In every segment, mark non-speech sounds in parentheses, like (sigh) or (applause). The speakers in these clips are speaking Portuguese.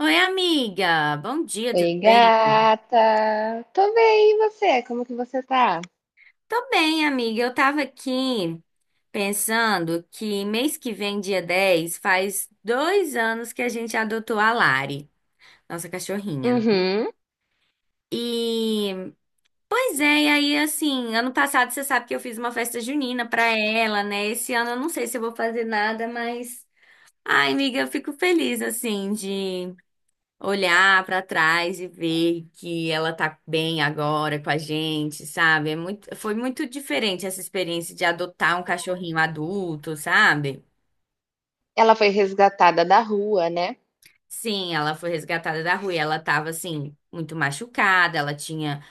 Oi, amiga. Bom dia, tudo Oi, bem? gata. Tô bem, e você? Como que você tá? Tô bem, amiga. Eu tava aqui pensando que mês que vem, dia 10 faz 2 anos que a gente adotou a Lari, nossa cachorrinha, né? Uhum. E, pois é, e aí, assim, ano passado você sabe que eu fiz uma festa junina pra ela, né? Esse ano eu não sei se eu vou fazer nada, mas. Ai, amiga, eu fico feliz, assim, de olhar pra trás e ver que ela tá bem agora com a gente, sabe? Foi muito diferente essa experiência de adotar um cachorrinho adulto, sabe? Ela foi resgatada da rua, né? Sim, ela foi resgatada da rua e ela tava assim, muito machucada, ela tinha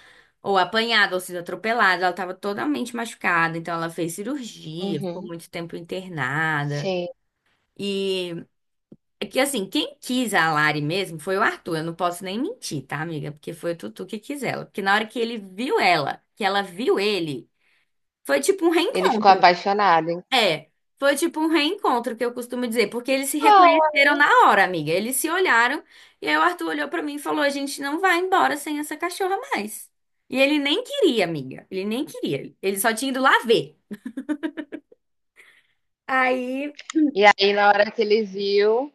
ou apanhado ou sido atropelada, ela tava totalmente machucada, então ela fez cirurgia, ficou Uhum. muito tempo internada. Sim. E É que assim, quem quis a Lari mesmo foi o Arthur. Eu não posso nem mentir, tá, amiga? Porque foi o Tutu que quis ela. Porque na hora que ele viu ela, que ela viu ele, foi tipo um Ele ficou reencontro. apaixonado, hein? É, foi tipo um reencontro que eu costumo dizer, porque eles se Ah. reconheceram na hora, amiga. Eles se olharam e aí o Arthur olhou pra mim e falou: "A gente não vai embora sem essa cachorra mais". E ele nem queria, amiga. Ele nem queria. Ele só tinha ido lá ver. Aí E aí, na hora que ele viu,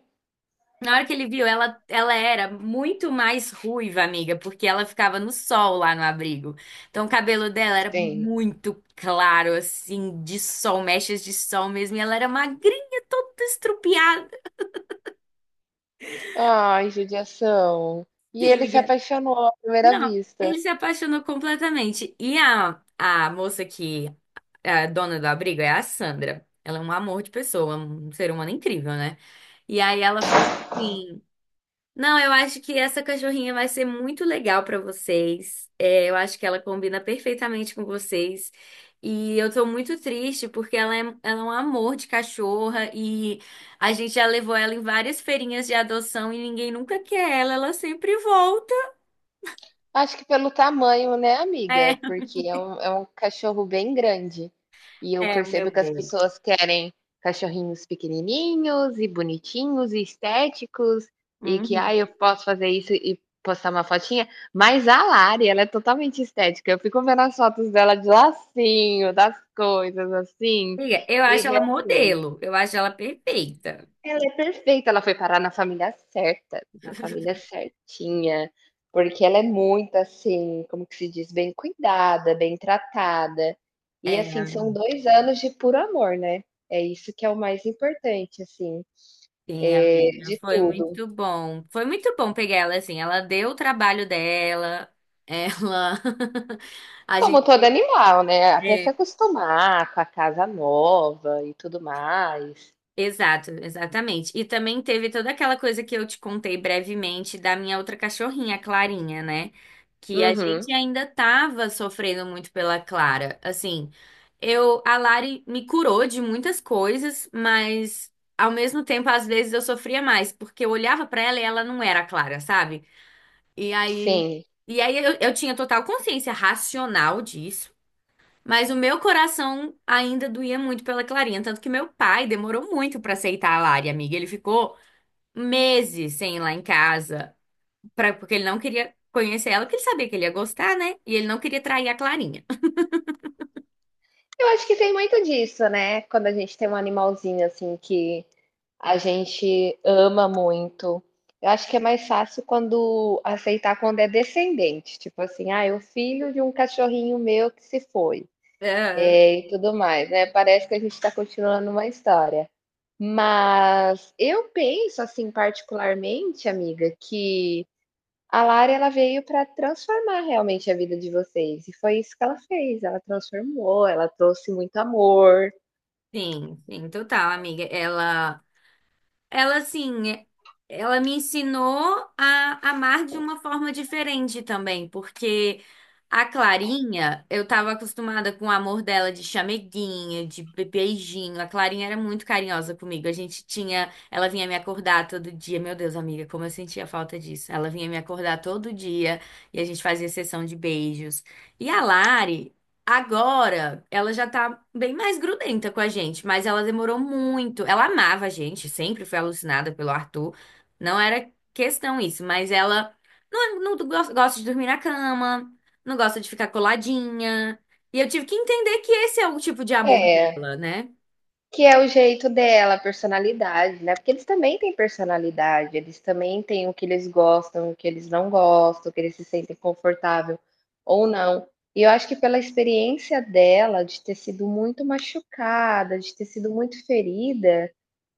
Na hora que ele viu, ela era muito mais ruiva, amiga, porque ela ficava no sol lá no abrigo. Então o cabelo dela era sim. muito claro, assim, de sol, mechas de sol mesmo. E ela era magrinha, toda estrupiada. Ai, judiação. E Sim, ele se amiga. apaixonou à primeira Não, vista. ele se apaixonou completamente. E a moça que é a dona do abrigo é a Sandra. Ela é um amor de pessoa, um ser humano incrível, né? E aí ela falou assim. Não, eu acho que essa cachorrinha vai ser muito legal pra vocês. É, eu acho que ela combina perfeitamente com vocês. E eu tô muito triste porque ela é um amor de cachorra e a gente já levou ela em várias feirinhas de adoção e ninguém nunca quer ela, ela sempre volta. Acho que pelo tamanho, né, amiga? (laughs) Porque é um cachorro bem grande. E eu É, é o percebo meu que as bem. pessoas querem cachorrinhos pequenininhos e bonitinhos e estéticos e que, ah, Uhum. eu posso fazer isso e postar uma fotinha. Mas a Lari, ela é totalmente estética. Eu fico vendo as fotos dela de lacinho, das coisas assim, Amiga, eu e acho ela realmente. modelo, eu acho ela perfeita. Ela é perfeita, ela foi parar na família certa, na família certinha, porque ela é muito assim, como que se diz, bem cuidada, bem tratada. E assim, são É. 2 anos de puro amor, né. É isso que é o mais importante, assim, Sim, amiga, de foi tudo. muito bom. Foi muito bom pegar ela assim. Ela deu o trabalho dela, ela. (laughs) A Como gente. todo animal, né, até se É, acostumar com a casa nova e tudo mais. exato, exatamente. E também teve toda aquela coisa que eu te contei brevemente da minha outra cachorrinha, a Clarinha, né? Que a Uhum, gente ainda tava sofrendo muito pela Clara. Assim, eu, a Lari me curou de muitas coisas, mas ao mesmo tempo, às vezes eu sofria mais, porque eu olhava pra ela e ela não era a Clara, sabe? E aí, sim. e aí, eu tinha total consciência racional disso, mas o meu coração ainda doía muito pela Clarinha, tanto que meu pai demorou muito pra aceitar a Lari, amiga. Ele ficou meses sem ir lá em casa, pra, porque ele não queria conhecer ela, porque ele sabia que ele ia gostar, né? E ele não queria trair a Clarinha. Eu acho que tem muito disso, né, quando a gente tem um animalzinho, assim, que a gente ama muito. Eu acho que é mais fácil quando aceitar quando é descendente, tipo assim, ah, é o filho de um cachorrinho meu que se foi, Ah, e tudo mais, né. Parece que a gente está continuando uma história. Mas eu penso, assim, particularmente, amiga, que a Lara ela veio para transformar realmente a vida de vocês, e foi isso que ela fez, ela transformou, ela trouxe muito amor. sim, sim, total, amiga. Ela, assim, ela me ensinou a amar de uma forma diferente também, porque a Clarinha, eu tava acostumada com o amor dela de chameguinha, de beijinho. A Clarinha era muito carinhosa comigo. A gente tinha, ela vinha me acordar todo dia. Meu Deus, amiga, como eu sentia falta disso. Ela vinha me acordar todo dia e a gente fazia sessão de beijos. E a Lari agora, ela já tá bem mais grudenta com a gente, mas ela demorou muito. Ela amava a gente, sempre foi alucinada pelo Arthur. Não era questão isso, mas ela não gosta de dormir na cama, não gosta de ficar coladinha. E eu tive que entender que esse é o tipo de amor É. dela, né? Que é o jeito dela, a personalidade, né, porque eles também têm personalidade, eles também têm o que eles gostam, o que eles não gostam, o que eles se sentem confortável ou não. E eu acho que pela experiência dela de ter sido muito machucada, de ter sido muito ferida,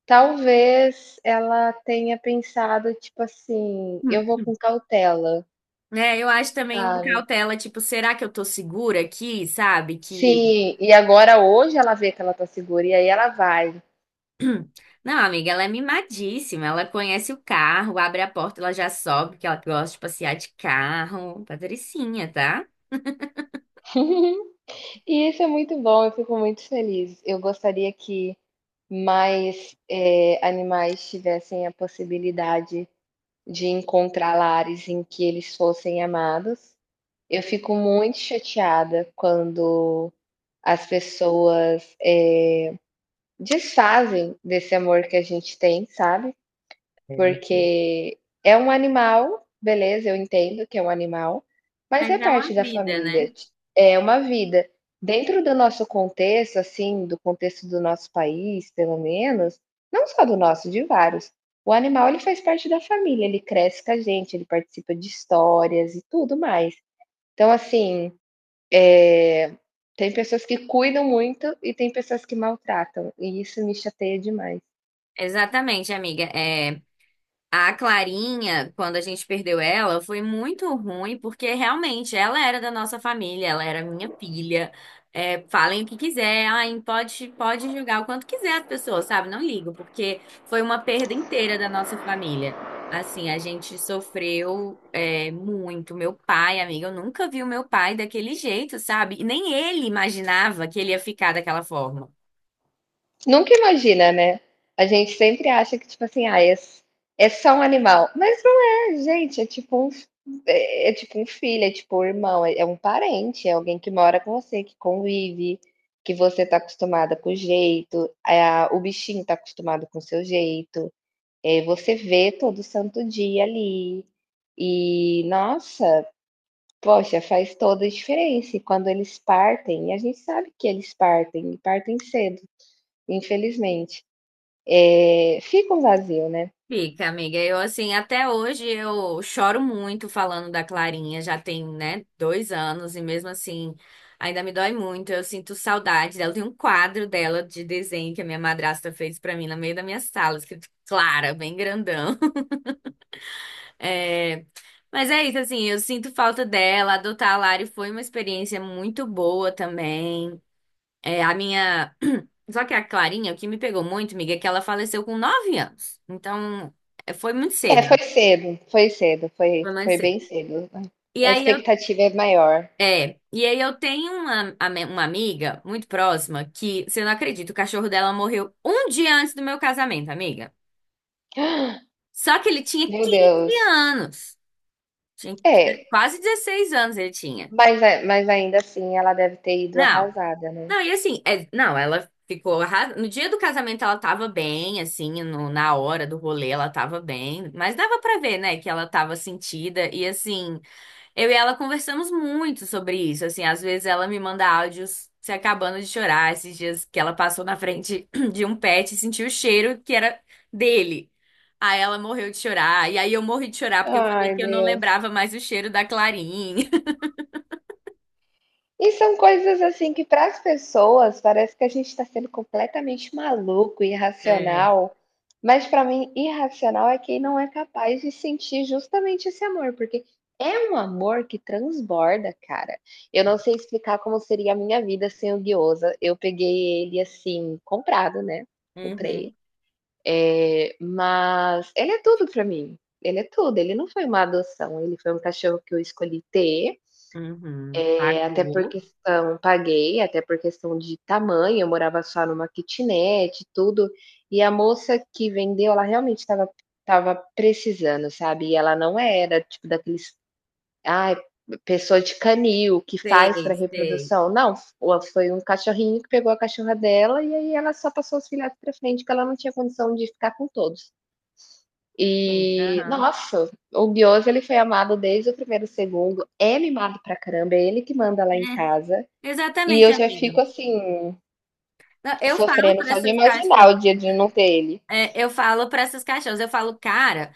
talvez ela tenha pensado, tipo assim: "Eu Hum. vou com cautela", É, eu acho também uma sabe. cautela, tipo, será que eu tô segura aqui, sabe? Que Sim, e agora hoje ela vê que ela tá segura e aí ela vai. Não, amiga, ela é mimadíssima. Ela conhece o carro, abre a porta, ela já sobe, que ela gosta de passear de carro. Patricinha, tá? (laughs) E isso é muito bom, eu fico muito feliz. Eu gostaria que mais, animais tivessem a possibilidade de encontrar lares em que eles fossem amados. Eu fico muito chateada quando as pessoas, desfazem desse amor que a gente tem, sabe? É. Porque é um animal, beleza, eu entendo que é um animal, mas Mas é é uma parte da vida, né? família, ti é uma vida. Dentro do nosso contexto, assim, do contexto do nosso país, pelo menos, não só do nosso, de vários, o animal ele faz parte da família, ele cresce com a gente, ele participa de histórias e tudo mais. Então, assim, eh, tem pessoas que cuidam muito e tem pessoas que maltratam, e isso me chateia demais. Exatamente, amiga. É, a Clarinha, quando a gente perdeu ela, foi muito ruim, porque realmente ela era da nossa família, ela era minha filha. É, falem o que quiser, ai, pode julgar o quanto quiser as pessoas, sabe? Não ligo, porque foi uma perda inteira da nossa família. Assim, a gente sofreu, é, muito. Meu pai, amiga, eu nunca vi o meu pai daquele jeito, sabe? E nem ele imaginava que ele ia ficar daquela forma. Nunca imagina, né? A gente sempre acha que, tipo assim, ah, é só um animal. Mas não é, gente, é tipo um filho, é tipo um irmão, é um parente, é alguém que mora com você, que convive, que você tá acostumada com o jeito, o bichinho tá acostumado com o seu jeito, você vê todo santo dia ali. E, nossa, poxa, faz toda a diferença. E quando eles partem, e a gente sabe que eles partem, e partem cedo, infelizmente. É, fica um vazio, né? Fica, amiga. Eu, assim, até hoje eu choro muito falando da Clarinha. Já tem, né, 2 anos e mesmo assim ainda me dói muito. Eu sinto saudade dela. Tem um quadro dela de desenho que a minha madrasta fez pra mim no meio da minha sala, escrito Clara, bem grandão. (laughs) É, mas é isso, assim, eu sinto falta dela. Adotar a Lari foi uma experiência muito boa também. É, a minha. (clears throat) Só que a Clarinha, o que me pegou muito, amiga, é que ela faleceu com 9 anos. Então, é, foi muito É, cedo. foi cedo, foi cedo, foi Romancei. bem cedo. E A aí eu, expectativa é maior. e aí eu tenho uma, uma amiga muito próxima que, você não acredita, o cachorro dela morreu um dia antes do meu casamento, amiga. (gasps) Só que ele tinha Meu 15 Deus. anos. Tinha É, quase 16 anos ele tinha. mas, mas ainda assim ela deve ter ido Não. arrasada, né? Não, e assim, não, ela ficou arras... No dia do casamento ela tava bem, assim, na hora do rolê ela tava bem, mas dava pra ver, né, que ela tava sentida e assim, eu e ela conversamos muito sobre isso, assim, às vezes ela me manda áudios se acabando de chorar, esses dias que ela passou na frente (clears throat) de um pet e sentiu o cheiro que era dele. Aí ela morreu de chorar, e aí eu morri de chorar porque eu falei Ai, que eu não Deus. lembrava mais o cheiro da Clarinha. (laughs) E são coisas assim que para as pessoas parece que a gente está sendo completamente maluco, É. irracional, mas para mim irracional é quem não é capaz de sentir justamente esse amor, porque é um amor que transborda, cara. Eu não sei explicar como seria a minha vida sem o Guiosa. Eu peguei ele assim, comprado, né? Comprei. Uhum. É, mas ele é tudo para mim. Ele é tudo. Ele não foi uma adoção, ele foi um cachorro que eu escolhi ter Uhum. Até por Pagou. questão paguei, até por questão de tamanho, eu morava só numa kitnet e tudo, e a moça que vendeu, ela realmente estava precisando, sabe, e ela não era tipo daqueles, ai, pessoa de canil que faz Sei, para sei. reprodução, não, o foi um cachorrinho que pegou a cachorra dela e aí ela só passou os filhotes para frente, porque ela não tinha condição de ficar com todos. Sim. E, Aham. nossa, o Guioso ele foi amado desde o primeiro segundo, é mimado pra caramba, é ele que manda lá em casa, É, e exatamente, eu já amiga. fico assim, Não, Eu falo sofrendo para só de essas imaginar cachorras, o dia de não ter ele. é, eu falo para essas cachorras, eu falo, cara,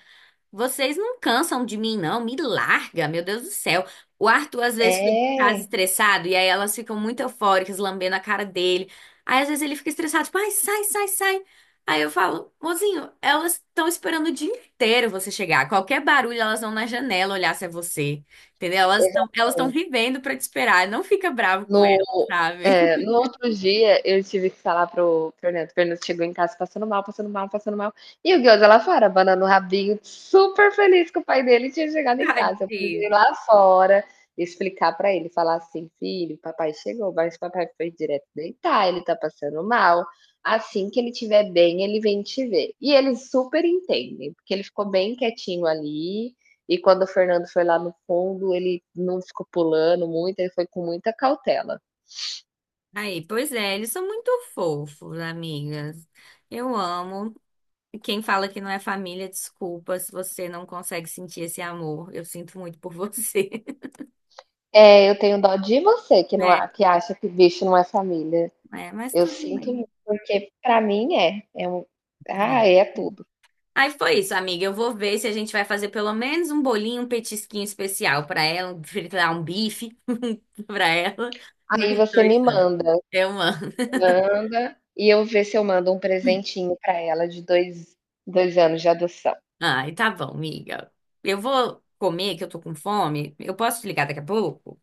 vocês não cansam de mim, não. Me larga, meu Deus do céu. O Arthur às vezes fica em casa É. estressado e aí elas ficam muito eufóricas, lambendo a cara dele. Aí às vezes ele fica estressado, tipo, ai, sai, sai, sai. Aí eu falo, mozinho, elas estão esperando o dia inteiro você chegar. Qualquer barulho, elas vão na janela olhar se é você. Entendeu? Elas estão Exatamente. vivendo pra te esperar. Não fica bravo com elas, No sabe? no (laughs) outro dia eu tive que falar para o Fernando, o Fernando chegou em casa passando mal, passando mal, passando mal, e o Ghost lá fora, abanando o rabinho, super feliz que o pai dele tinha chegado em casa. Eu precisei Tadinho. ir lá fora explicar para ele, falar assim: "Filho, papai chegou, mas papai foi direto deitar, ele tá passando mal, assim que ele estiver bem, ele vem te ver". E eles super entendem, porque ele ficou bem quietinho ali e quando o Fernando foi lá no fundo, ele não ficou pulando muito, ele foi com muita cautela. Aí, pois é, eles são muito fofos, amigas. Eu amo. Quem fala que não é família, desculpa se você não consegue sentir esse amor. Eu sinto muito por você. (laughs) É, eu tenho dó de você que não É, a- que acha que bicho não é família. é, mas Eu tudo sinto bem. muito, porque pra mim é um, ah, É. é tudo. Aí foi isso, amiga. Eu vou ver se a gente vai fazer pelo menos um bolinho, um petisquinho especial pra ela, um fritar um bife (laughs) pra ela nos Aí você dois me anos. manda, Eu amo. manda e eu ver se eu mando um presentinho pra ela de dois, dois anos de adoção. Ai, tá bom, amiga. Eu vou comer, que eu tô com fome. Eu posso te ligar daqui a pouco?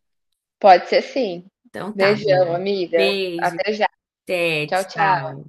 Pode ser sim. Então tá, Beijão, amiga. amiga. Beijo, Até já. até, Tchau, tchau. tchau.